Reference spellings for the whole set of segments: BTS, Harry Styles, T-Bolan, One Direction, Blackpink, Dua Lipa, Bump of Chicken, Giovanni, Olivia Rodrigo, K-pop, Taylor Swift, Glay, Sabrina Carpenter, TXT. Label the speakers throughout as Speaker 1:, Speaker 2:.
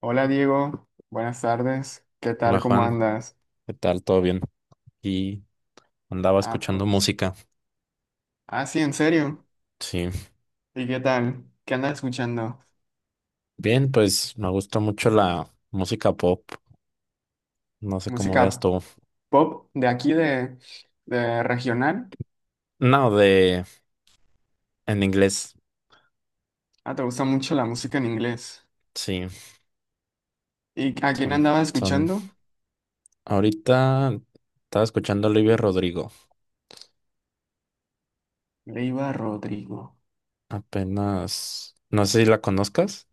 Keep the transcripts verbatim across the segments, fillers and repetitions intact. Speaker 1: Hola Diego, buenas tardes. ¿Qué
Speaker 2: Hola
Speaker 1: tal? ¿Cómo
Speaker 2: Juan,
Speaker 1: andas?
Speaker 2: ¿qué tal? ¿Todo bien? Y andaba
Speaker 1: Ah,
Speaker 2: escuchando
Speaker 1: pues.
Speaker 2: música.
Speaker 1: Ah, sí, en serio.
Speaker 2: Sí.
Speaker 1: ¿Y qué tal? ¿Qué andas escuchando?
Speaker 2: Bien, pues me gusta mucho la música pop. No sé cómo veas
Speaker 1: ¿Música
Speaker 2: tú.
Speaker 1: pop de aquí, de, de regional?
Speaker 2: No, de en inglés.
Speaker 1: Ah, ¿te gusta mucho la música en inglés?
Speaker 2: Sí,
Speaker 1: ¿Y a quién
Speaker 2: son,
Speaker 1: andabas
Speaker 2: son.
Speaker 1: escuchando?
Speaker 2: Ahorita estaba escuchando a Olivia Rodrigo.
Speaker 1: Leiva Rodrigo.
Speaker 2: Apenas. No sé si la conozcas.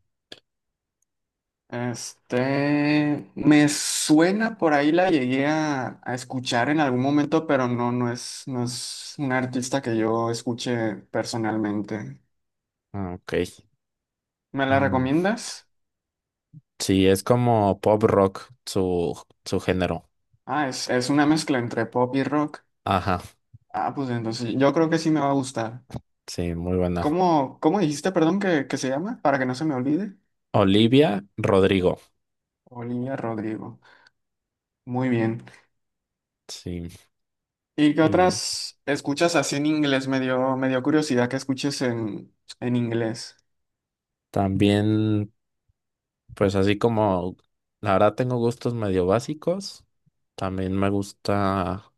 Speaker 1: Este, me suena por ahí, la llegué a, a escuchar en algún momento, pero no, no es, no es una artista que yo escuche personalmente.
Speaker 2: Ah, ok.
Speaker 1: ¿Me la
Speaker 2: Mm,
Speaker 1: recomiendas?
Speaker 2: sí, es como pop rock, su, su género.
Speaker 1: Ah, es, es una mezcla entre pop y rock.
Speaker 2: Ajá.
Speaker 1: Ah, pues entonces yo creo que sí me va a gustar.
Speaker 2: Sí, muy buena.
Speaker 1: ¿Cómo, cómo dijiste, perdón, que, que se llama? Para que no se me olvide.
Speaker 2: Olivia Rodrigo.
Speaker 1: Olivia Rodrigo. Muy bien.
Speaker 2: Sí.
Speaker 1: ¿Y qué
Speaker 2: Y
Speaker 1: otras escuchas así en inglés? Me dio, me dio curiosidad que escuches en, en inglés.
Speaker 2: también, pues así como la verdad tengo gustos medio básicos, también me gusta,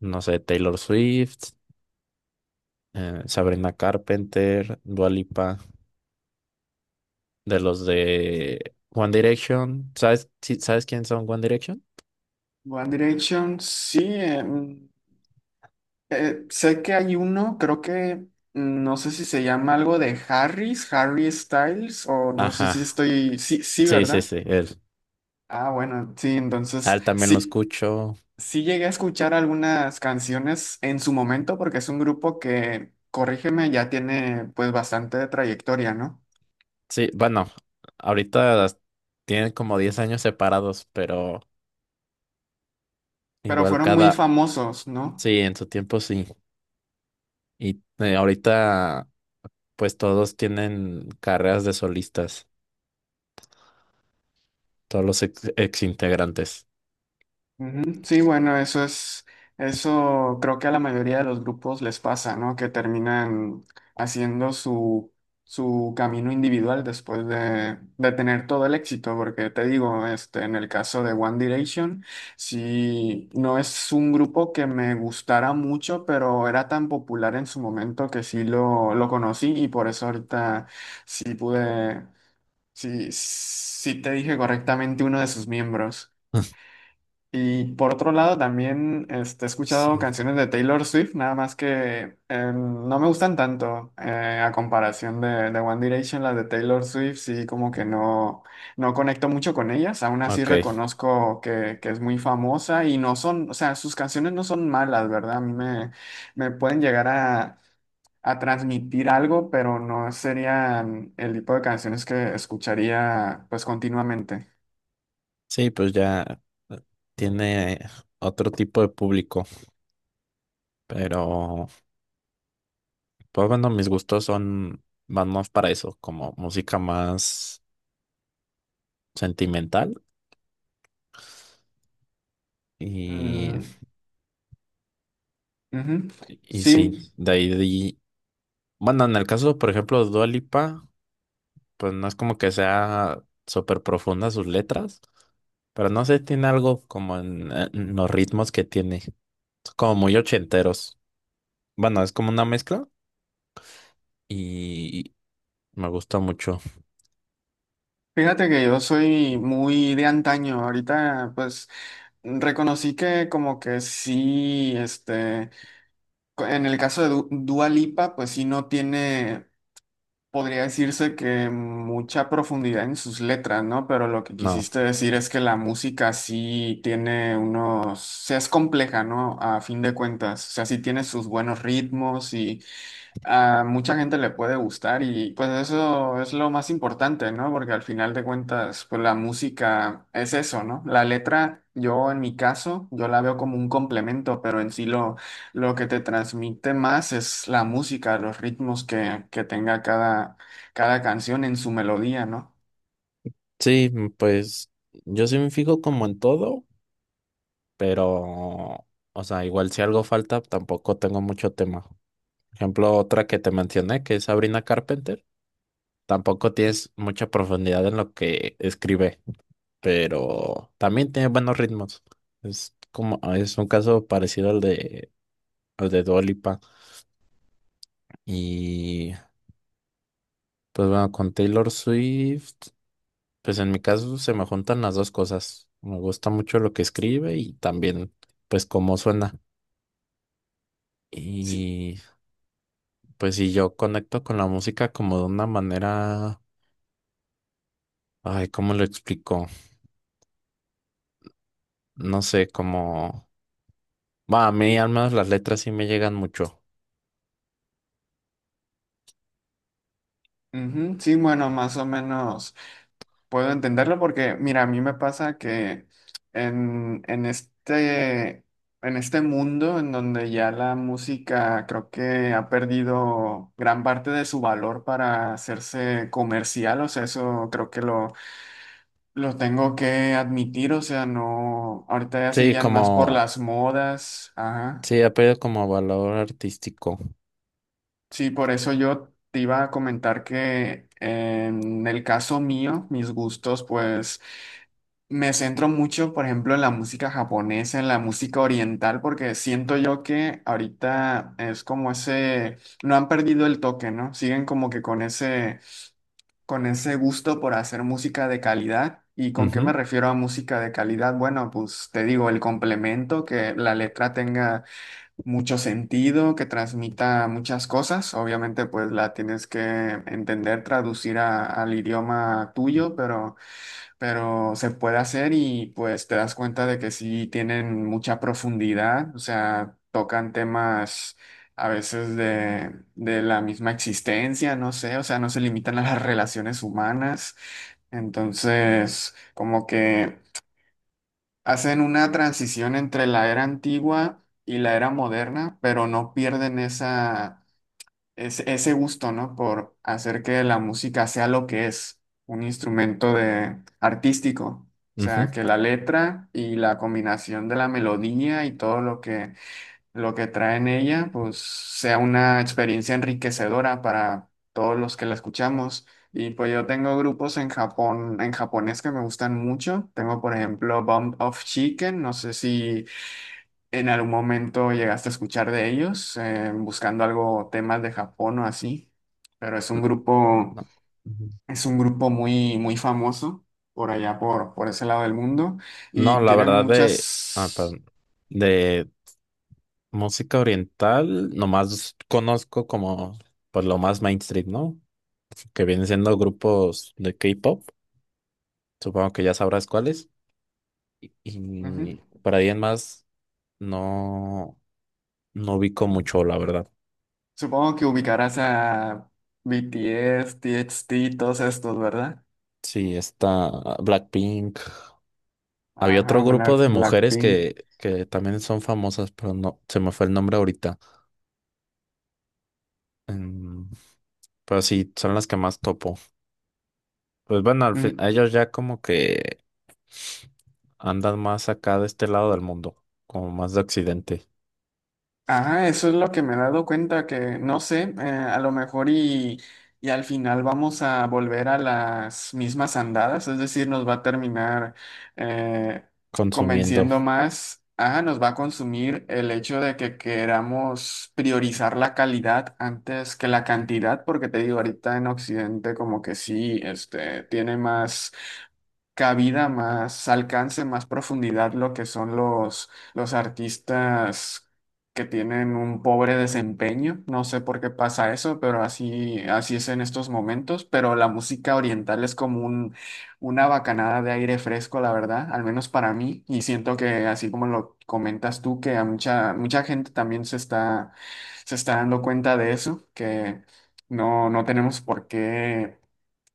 Speaker 2: no sé, Taylor Swift, eh, Sabrina Carpenter, Dua Lipa, de los de One Direction. ¿Sabes, sí- sabes quién son One Direction?
Speaker 1: One Direction, sí. em, eh, sé que hay uno, creo que mm, no sé si se llama algo de Harris, Harry Styles, o no sé si
Speaker 2: Ajá,
Speaker 1: estoy. Sí, sí,
Speaker 2: sí, sí,
Speaker 1: ¿verdad?
Speaker 2: sí, él.
Speaker 1: Ah, bueno, sí,
Speaker 2: A
Speaker 1: entonces
Speaker 2: él también lo
Speaker 1: sí.
Speaker 2: escucho.
Speaker 1: Sí llegué a escuchar algunas canciones en su momento porque es un grupo que, corrígeme, ya tiene pues bastante trayectoria, ¿no?
Speaker 2: Sí, bueno, ahorita las- tienen como diez años separados, pero
Speaker 1: Pero
Speaker 2: igual
Speaker 1: fueron muy
Speaker 2: cada,
Speaker 1: famosos, ¿no?
Speaker 2: sí, en su tiempo sí. Y eh, ahorita pues todos tienen carreras de solistas, todos los ex, integrantes.
Speaker 1: Ujú. Sí, bueno, eso es, eso creo que a la mayoría de los grupos les pasa, ¿no? Que terminan haciendo su, su camino individual después de, de tener todo el éxito, porque te digo, este, en el caso de One Direction, sí, no es un grupo que me gustara mucho, pero era tan popular en su momento que sí lo, lo conocí y por eso ahorita sí pude, sí, sí te dije correctamente uno de sus miembros. Y por otro lado, también este, he
Speaker 2: Sí.
Speaker 1: escuchado canciones de Taylor Swift, nada más que eh, no me gustan tanto eh, a comparación de, de One Direction, las de Taylor Swift, sí como que no, no conecto mucho con ellas, aún así
Speaker 2: Ok,
Speaker 1: reconozco que, que es muy famosa y no son, o sea, sus canciones no son malas, ¿verdad? A mí me, me pueden llegar a, a transmitir algo, pero no serían el tipo de canciones que escucharía pues continuamente.
Speaker 2: sí, pues ya eh, tiene otro tipo de público, pero pues bueno, mis gustos son van más para eso, como música más sentimental y,
Speaker 1: Mm, ujú.
Speaker 2: y sí,
Speaker 1: Sí,
Speaker 2: de ahí, de ahí- bueno, en el caso, por ejemplo, de Dua Lipa, pues no es como que sea súper profunda sus letras, pero no sé, tiene algo como en, eh, en los ritmos que tiene, como muy ochenteros. Bueno, es como una mezcla y me gusta mucho.
Speaker 1: fíjate que yo soy muy de antaño. Ahorita, pues, reconocí que como que sí, este, co- en el caso de Du- Dua Lipa, pues sí no tiene, podría decirse que mucha profundidad en sus letras, ¿no? Pero lo que
Speaker 2: No,
Speaker 1: quisiste decir es que la música sí tiene unos, o sea, es compleja, ¿no? A fin de cuentas, o sea, sí tiene sus buenos ritmos a mucha gente le puede gustar y pues eso es lo más importante, ¿no? Porque al final de cuentas, pues la música es eso, ¿no? La letra, yo en mi caso, yo la veo como un complemento, pero en sí lo, lo que te transmite más es la música, los ritmos que, que tenga cada, cada canción en su melodía, ¿no?
Speaker 2: sí, pues yo sí me fijo como en todo, pero, o sea, igual si algo falta, tampoco tengo mucho tema. Por ejemplo, otra que te mencioné, que es Sabrina Carpenter, tampoco tienes mucha profundidad en lo que escribe, pero también tiene buenos ritmos. Es como, ah, es un caso parecido al de, al de Dua Lipa. Y pues bueno, con Taylor Swift, pues en mi caso se me juntan las dos cosas. Me gusta mucho lo que escribe y también pues cómo suena.
Speaker 1: Sí.
Speaker 2: Y pues si yo conecto con la música como de una manera, ay, ¿cómo lo explico? No sé, como, va, a mí al menos las letras sí me llegan mucho.
Speaker 1: Ujú, sí, bueno, más o menos. Puedo entenderlo porque, mira, a mí me pasa que en, en este, en este mundo en donde ya la música creo que ha perdido gran parte de su valor para hacerse comercial, o sea, eso creo que lo, lo tengo que admitir, o sea, no, ahorita ya se
Speaker 2: Sí,
Speaker 1: guían más por
Speaker 2: como
Speaker 1: las modas, ajá.
Speaker 2: sí, ha perdido como valor artístico.
Speaker 1: Sí, por eso yo te iba a comentar que en el caso mío, mis gustos, pues... Me centro mucho, por ejemplo, en la música japonesa, en la música oriental, porque siento yo que ahorita es como ese, no han perdido el toque, ¿no? Siguen como que con ese, con ese gusto por hacer música de calidad. ¿Y con qué me
Speaker 2: Ujú,
Speaker 1: refiero a música de calidad? Bueno, pues te digo, el complemento, que la letra tenga mucho sentido, que transmita muchas cosas. Obviamente, pues la tienes que entender, traducir a- al idioma tuyo, pero pero se puede hacer y pues te das cuenta de que sí tienen mucha profundidad, o sea, tocan temas a veces de, de la misma existencia, no sé, o sea, no se limitan a las relaciones humanas, entonces como que hacen una transición entre la era antigua y la era moderna, pero no pierden esa es ese gusto, ¿no? Por hacer que la música sea lo que es, un instrumento de artístico. O
Speaker 2: ujú.
Speaker 1: sea, que la letra y la combinación de la melodía y todo lo que, lo que trae en ella, pues sea una experiencia enriquecedora para todos los que la escuchamos. Y pues yo tengo grupos en Japón, en japonés que me gustan mucho. Tengo, por ejemplo, Bump of Chicken. No sé si ¿en algún momento llegaste a escuchar de ellos, eh, buscando algo, temas de Japón o así? Pero es un grupo,
Speaker 2: No, ujú.
Speaker 1: es un grupo muy, muy famoso por allá, por, por ese lado del mundo,
Speaker 2: No,
Speaker 1: y
Speaker 2: la
Speaker 1: tienen
Speaker 2: verdad de, ah,
Speaker 1: muchas...
Speaker 2: perdón, de música oriental, nomás conozco como pues lo más mainstream, ¿no? Que vienen siendo grupos de K-pop, supongo que ya sabrás cuáles.
Speaker 1: Ujú.
Speaker 2: Y por ahí en más no, no ubico mucho, la verdad.
Speaker 1: Supongo que ubicarás a B T S, T X T, todos estos, ¿verdad?
Speaker 2: Sí, está Blackpink. Había otro
Speaker 1: Ajá,
Speaker 2: grupo
Speaker 1: Black,
Speaker 2: de mujeres
Speaker 1: Blackpink.
Speaker 2: que, que también son famosas, pero no, se me fue el nombre ahorita. Em, pero sí, son las que más topo. Pues bueno, al fin,
Speaker 1: Ujú.
Speaker 2: ellos ya como que andan más acá de este lado del mundo, como más de occidente,
Speaker 1: Ajá, eso es lo que me he dado cuenta, que no sé, eh, a lo mejor y, y al final vamos a volver a las mismas andadas, es decir, nos va a terminar eh,
Speaker 2: consumiendo.
Speaker 1: convenciendo más, ajá, nos va a consumir el hecho de que queramos priorizar la calidad antes que la cantidad, porque te digo, ahorita en Occidente como que sí, este, tiene más cabida, más alcance, más profundidad lo que son los, los artistas que tienen un pobre desempeño. No sé por qué pasa eso, pero así, así es en estos momentos. Pero la música oriental es como un, una bacanada de aire fresco, la verdad, al menos para mí. Y siento que así como lo comentas tú, que a mucha, mucha gente también se está, se está dando cuenta de eso, que no, no tenemos por qué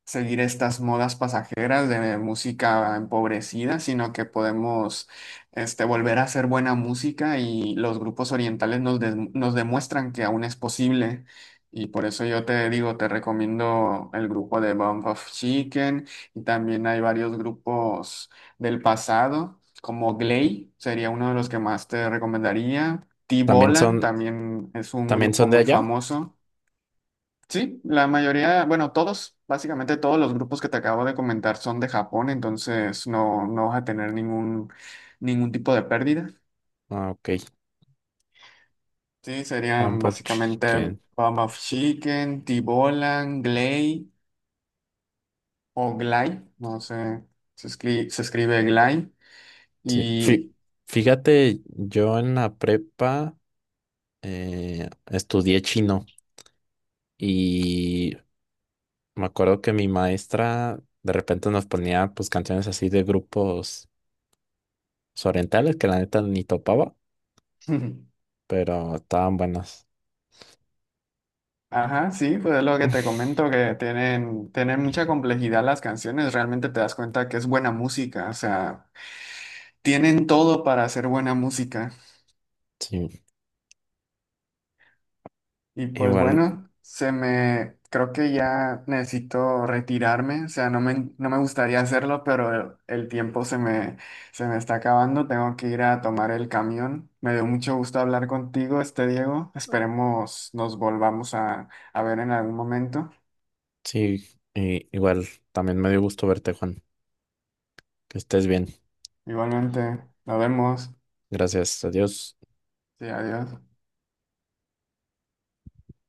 Speaker 1: seguir estas modas pasajeras de música empobrecida, sino que podemos este, volver a hacer buena música y los grupos orientales nos, des- nos demuestran que aún es posible. Y por eso yo te digo, te recomiendo el grupo de Bump of Chicken y también hay varios grupos del pasado, como Glay, sería uno de los que más te recomendaría.
Speaker 2: También
Speaker 1: T-Bolan
Speaker 2: son,
Speaker 1: también es un
Speaker 2: también
Speaker 1: grupo
Speaker 2: son de
Speaker 1: muy
Speaker 2: allá.
Speaker 1: famoso. Sí, la mayoría, bueno, todos, básicamente todos los grupos que te acabo de comentar son de Japón, entonces no, no vas a tener ningún, ningún tipo de pérdida.
Speaker 2: Ah, ok.
Speaker 1: Sí,
Speaker 2: Un
Speaker 1: serían
Speaker 2: pop
Speaker 1: básicamente
Speaker 2: chicken.
Speaker 1: Bomb of Chicken, Tibolan, Glay o Glay, no sé, se escribe, se escribe Glay
Speaker 2: Sí.
Speaker 1: y...
Speaker 2: Fí- Fíjate, yo en la prepa eh, estudié chino y me acuerdo que mi maestra de repente nos ponía pues canciones así de grupos pues, orientales que la neta ni topaba, pero estaban buenas.
Speaker 1: Ajá, sí, pues es lo que te comento, que tienen, tienen mucha complejidad las canciones, realmente te das cuenta que es buena música, o sea, tienen todo para hacer buena música.
Speaker 2: Sí,
Speaker 1: Y pues
Speaker 2: igual,
Speaker 1: bueno, se me, creo que ya necesito retirarme, o sea, no me, no me gustaría hacerlo, pero el, el tiempo se me, se me está acabando, tengo que ir a tomar el camión. Me dio mucho gusto hablar contigo, este Diego. Esperemos nos volvamos a, a ver en algún momento.
Speaker 2: sí, y- igual, también me dio gusto verte, Juan. Que estés bien.
Speaker 1: Igualmente, nos vemos.
Speaker 2: Gracias, adiós.
Speaker 1: Sí, adiós.